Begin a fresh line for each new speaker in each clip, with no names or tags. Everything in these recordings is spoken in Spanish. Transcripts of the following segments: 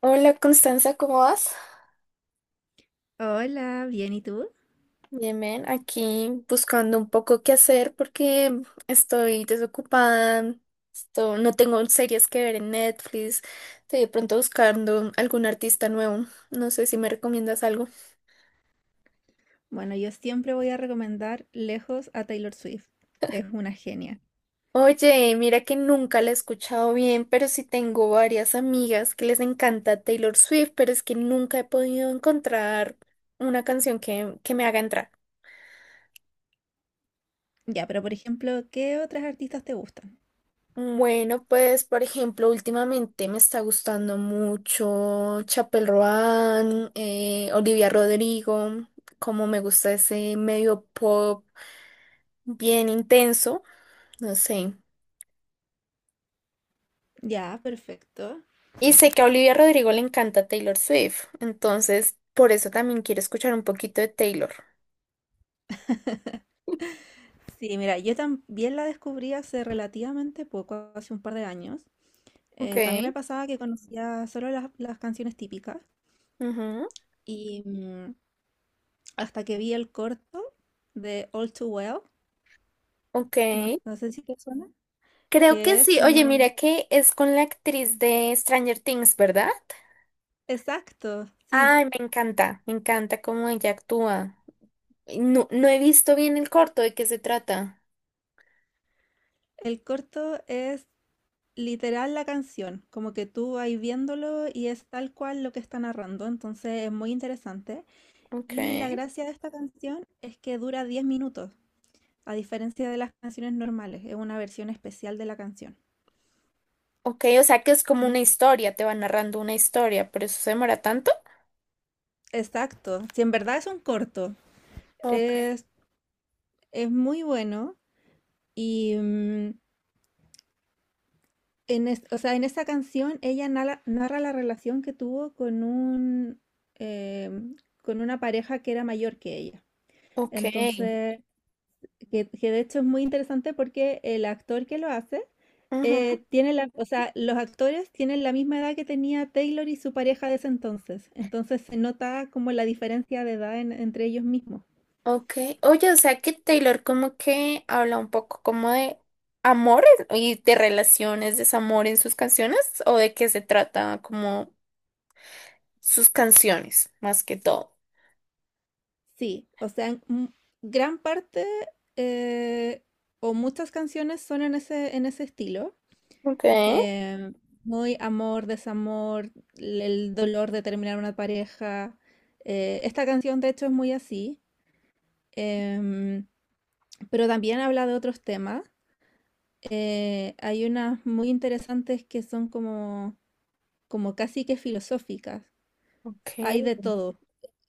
Hola Constanza, ¿cómo vas?
Hola, bien, ¿y tú?
Bien, bien, aquí buscando un poco qué hacer porque estoy desocupada, no tengo series que ver en Netflix, estoy de pronto buscando algún artista nuevo, no sé si me recomiendas algo.
Bueno, yo siempre voy a recomendar lejos a Taylor Swift. Es una genia.
Oye, mira que nunca la he escuchado bien, pero sí tengo varias amigas que les encanta Taylor Swift, pero es que nunca he podido encontrar una canción que me haga entrar.
Ya, pero por ejemplo, ¿qué otras artistas te gustan?
Bueno, pues por ejemplo, últimamente me está gustando mucho Chapel Roan, Olivia Rodrigo, como me gusta ese medio pop bien intenso, no sé.
Ya, perfecto.
Y sé que a Olivia Rodrigo le encanta Taylor Swift, entonces por eso también quiero escuchar un poquito de Taylor.
Sí, mira, yo también la descubrí hace relativamente poco, hace un par de años.
Ok,
También me pasaba que conocía solo las canciones típicas
ujú,
y hasta que vi el corto de All Too Well.
ok.
No sé si te suena,
Creo que
que es
sí.
una...
Oye, mira que es con la actriz de Stranger Things, ¿verdad?
Exacto, sí.
Ay, me encanta cómo ella actúa. No, no he visto bien el corto, ¿de qué se trata?
El corto es literal la canción, como que tú vas viéndolo y es tal cual lo que está narrando, entonces es muy interesante.
Ok.
Y la gracia de esta canción es que dura 10 minutos, a diferencia de las canciones normales, es una versión especial de la canción.
Ok, o sea que es como una
Y
historia, te va narrando una historia, por eso se demora tanto.
exacto, si en verdad es un corto,
Ok.
es, es muy bueno y o sea, en esta canción ella narra la relación que tuvo con un em, con una pareja que era mayor que ella.
Ok,
Entonces, que de hecho es muy interesante porque el actor que lo hace
ujú,
tiene o sea, los actores tienen la misma edad que tenía Taylor y su pareja de ese entonces. Entonces se nota como la diferencia de edad entre ellos mismos.
ok. Oye, o sea que Taylor como que habla un poco como de amores y de relaciones, desamor en sus canciones, o de qué se trata como sus canciones, más que todo.
Sí, o sea, gran parte eh, o muchas canciones son en en ese estilo.
Ok.
em, Muy amor, desamor, el dolor de terminar una pareja. Esta canción de hecho es muy así. Em, Pero también habla de otros temas. Hay unas muy interesantes que son como casi que filosóficas.
Ok,
Hay de todo.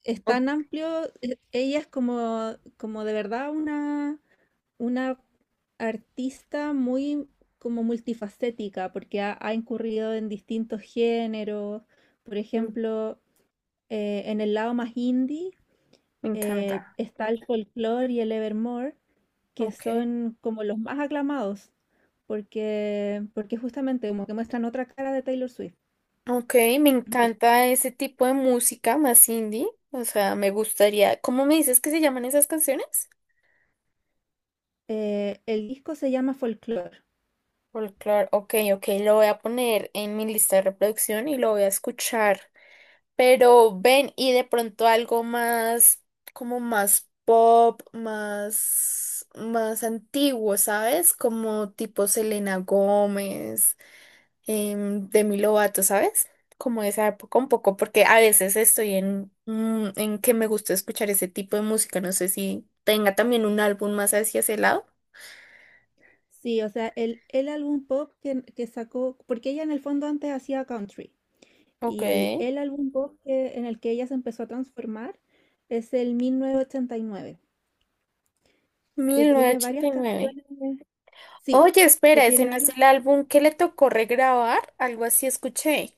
Es
ok,
tan amplio. Ella es como de verdad una artista muy como multifacética, porque ha incurrido en distintos géneros. Por
Me
ejemplo, en el lado más indie
me encanta.
está el folclore y el evermore, que
Ok.
son como los más aclamados, porque justamente como que muestran otra cara de Taylor Swift.
Ok, me encanta ese tipo de música más indie. O sea, me gustaría. ¿Cómo me dices que se llaman esas canciones?
El disco se llama Folklore.
Folklore. Ok, ok, lo voy a poner en mi lista de reproducción y lo voy a escuchar. Pero ven y de pronto algo más, como más pop, más antiguo, ¿sabes? Como tipo Selena Gómez. De mi Lovato, ¿sabes? Como esa época un poco, porque a veces estoy en, en que me gusta escuchar ese tipo de música. No sé si tenga también un álbum más hacia ese lado.
Sí, o sea, el álbum pop que sacó, porque ella en el fondo antes hacía country,
Ok.
y el álbum pop en el que ella se empezó a transformar es el 1989, que tiene varias
1989.
canciones, sí,
Oye,
que
espera, ese
tiene
no es
varias,
el álbum que le tocó regrabar, algo así escuché.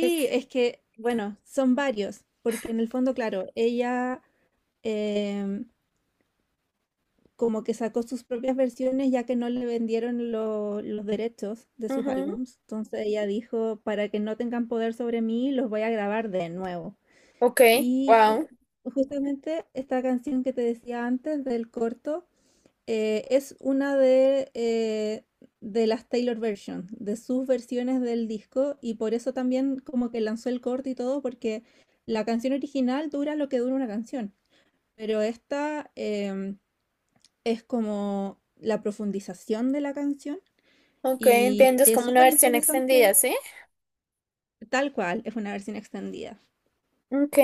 Es...
es que, bueno, son varios, porque en el fondo, claro, ella... em, como que sacó sus propias versiones ya que no le vendieron los derechos de sus
ujú,
álbums. Entonces ella dijo, para que no tengan poder sobre mí, los voy a grabar de nuevo.
ok,
Y
wow.
justamente esta canción que te decía antes del corto es una de las Taylor Version, de sus versiones del disco, y por eso también como que lanzó el corto y todo, porque la canción original dura lo que dura una canción, pero esta... es como la profundización de la canción
Ok,
y
entiendo, es
es
como una
súper
versión extendida,
interesante,
¿sí?
tal cual, es una versión extendida.
Ok,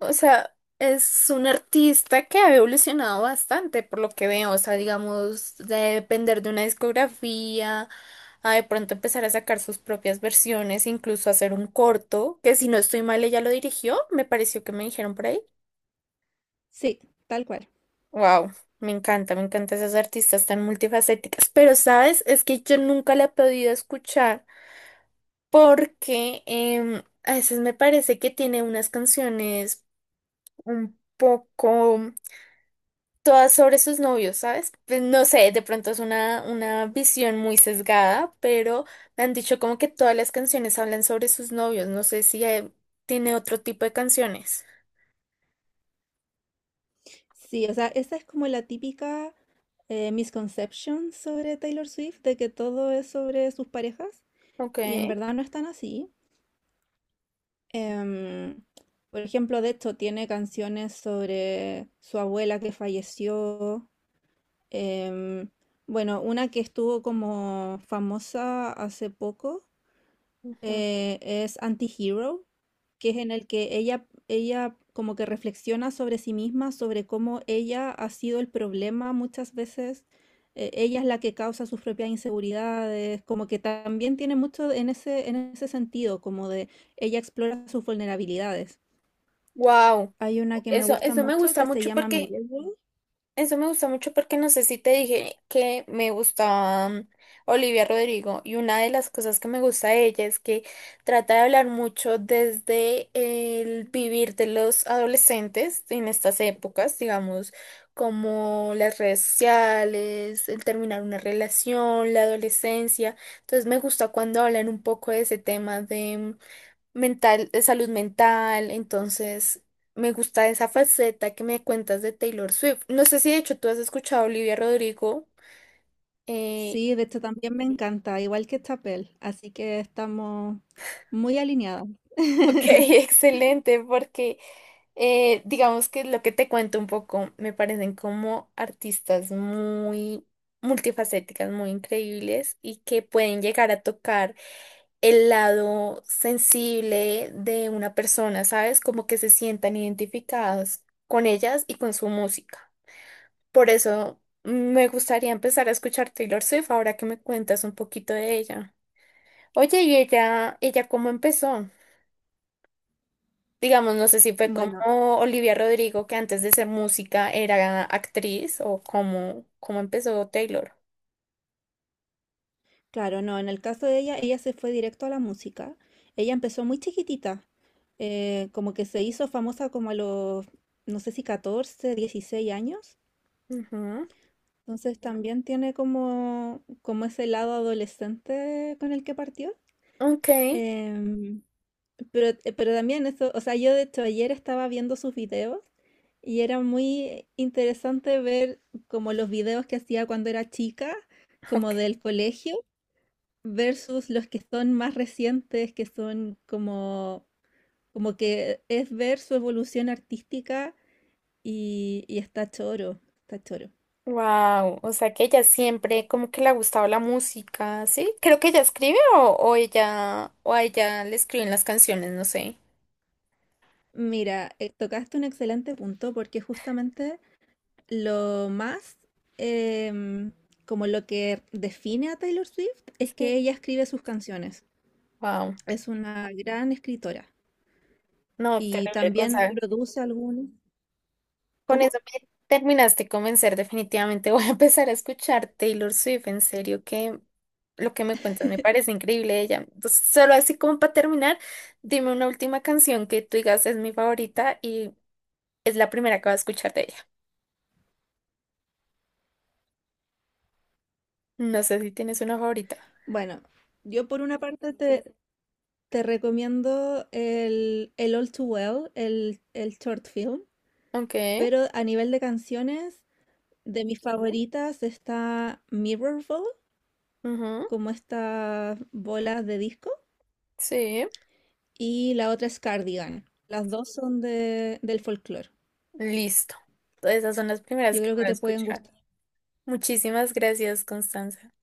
o sea, es un artista que ha evolucionado bastante por lo que veo, o sea, digamos, de depender de una discografía, a de pronto empezar a sacar sus propias versiones, incluso hacer un corto, que si no estoy mal, ella lo dirigió, me pareció que me dijeron por ahí.
Sí, tal cual.
Wow, me encanta, me encantan esas artistas tan multifacéticas, pero sabes, es que yo nunca la he podido escuchar porque a veces me parece que tiene unas canciones un poco... todas sobre sus novios, ¿sabes? Pues no sé, de pronto es una visión muy sesgada, pero me han dicho como que todas las canciones hablan sobre sus novios. No sé si tiene otro tipo de canciones.
Sí, o sea, esa es como la típica misconception sobre Taylor Swift, de que todo es sobre sus parejas,
Ok.
y en verdad no es tan así. Em, por ejemplo, de hecho, tiene canciones sobre su abuela que falleció. Em, bueno, una que estuvo como famosa hace poco es Anti-Hero, que es en el que ella como que reflexiona sobre sí misma, sobre cómo ella ha sido el problema muchas veces. Ella es la que causa sus propias inseguridades, como que también tiene mucho en en ese sentido, como de ella explora sus vulnerabilidades.
Wow.
Hay una que me
Eso,
gusta
eso me
mucho
gusta
que se
mucho
llama
porque
Mirror.
eso me gusta mucho porque no sé si te dije que me gustaba Olivia Rodrigo y una de las cosas que me gusta de ella es que trata de hablar mucho desde el vivir de los adolescentes en estas épocas, digamos, como las redes sociales, el terminar una relación, la adolescencia. Entonces me gusta cuando hablan un poco de ese tema mental, de salud mental, entonces me gusta esa faceta que me cuentas de Taylor Swift. No sé si de hecho tú has escuchado a Olivia Rodrigo. eh,
Sí, de hecho también me encanta, igual que Chapel, así que estamos muy alineadas.
ok, excelente, porque digamos que lo que te cuento un poco me parecen como artistas muy multifacéticas, muy increíbles y que pueden llegar a tocar el lado sensible de una persona, ¿sabes? Como que se sientan identificadas con ellas y con su música. Por eso me gustaría empezar a escuchar Taylor Swift ahora que me cuentas un poquito de ella. Oye, ¿y ella cómo empezó? Digamos, no sé si fue
Bueno,
como Olivia Rodrigo, que antes de ser música era actriz, o cómo, cómo empezó Taylor.
claro, no, en el caso de ella, ella se fue directo a la música. Ella empezó muy chiquitita, como que se hizo famosa como a no sé si 14, 16 años.
Ujú.
Entonces también tiene como, como ese lado adolescente con el que partió.
Ok,
Em, pero también eso, o sea, yo de hecho ayer estaba viendo sus videos y era muy interesante ver como los videos que hacía cuando era chica, como
ok.
del colegio, versus los que son más recientes, que son como, como que es ver su evolución artística y está choro, está choro.
Wow, o sea que ella siempre como que le ha gustado la música, ¿sí? Creo que ella escribe o ella o a ella le escriben las canciones, no sé.
Mira, tocaste un excelente punto porque justamente lo más, em, como lo que define a Taylor Swift, es que
Sí.
ella escribe sus canciones.
Wow.
Es una gran escritora
No,
y
terrible,
también
Gonzalo.
produce algunas.
Con
¿Cómo?
eso me terminaste de convencer, definitivamente voy a empezar a escuchar Taylor Swift, en serio que lo que me cuentas me parece increíble de ella. Entonces, solo así como para terminar, dime una última canción que tú digas es mi favorita y es la primera que voy a escuchar de ella. No sé si tienes una favorita.
Bueno, yo por una parte te recomiendo el All Too Well, el short film,
Ok,
pero a nivel de canciones, de mis favoritas está Mirror Ball,
ujú,
como estas bolas de disco.
sí,
Y la otra es Cardigan. Las dos son del folclore.
listo. Todas esas son las primeras
Yo
que
creo
voy
que
a
te pueden
escuchar.
gustar.
Muchísimas gracias, Constanza.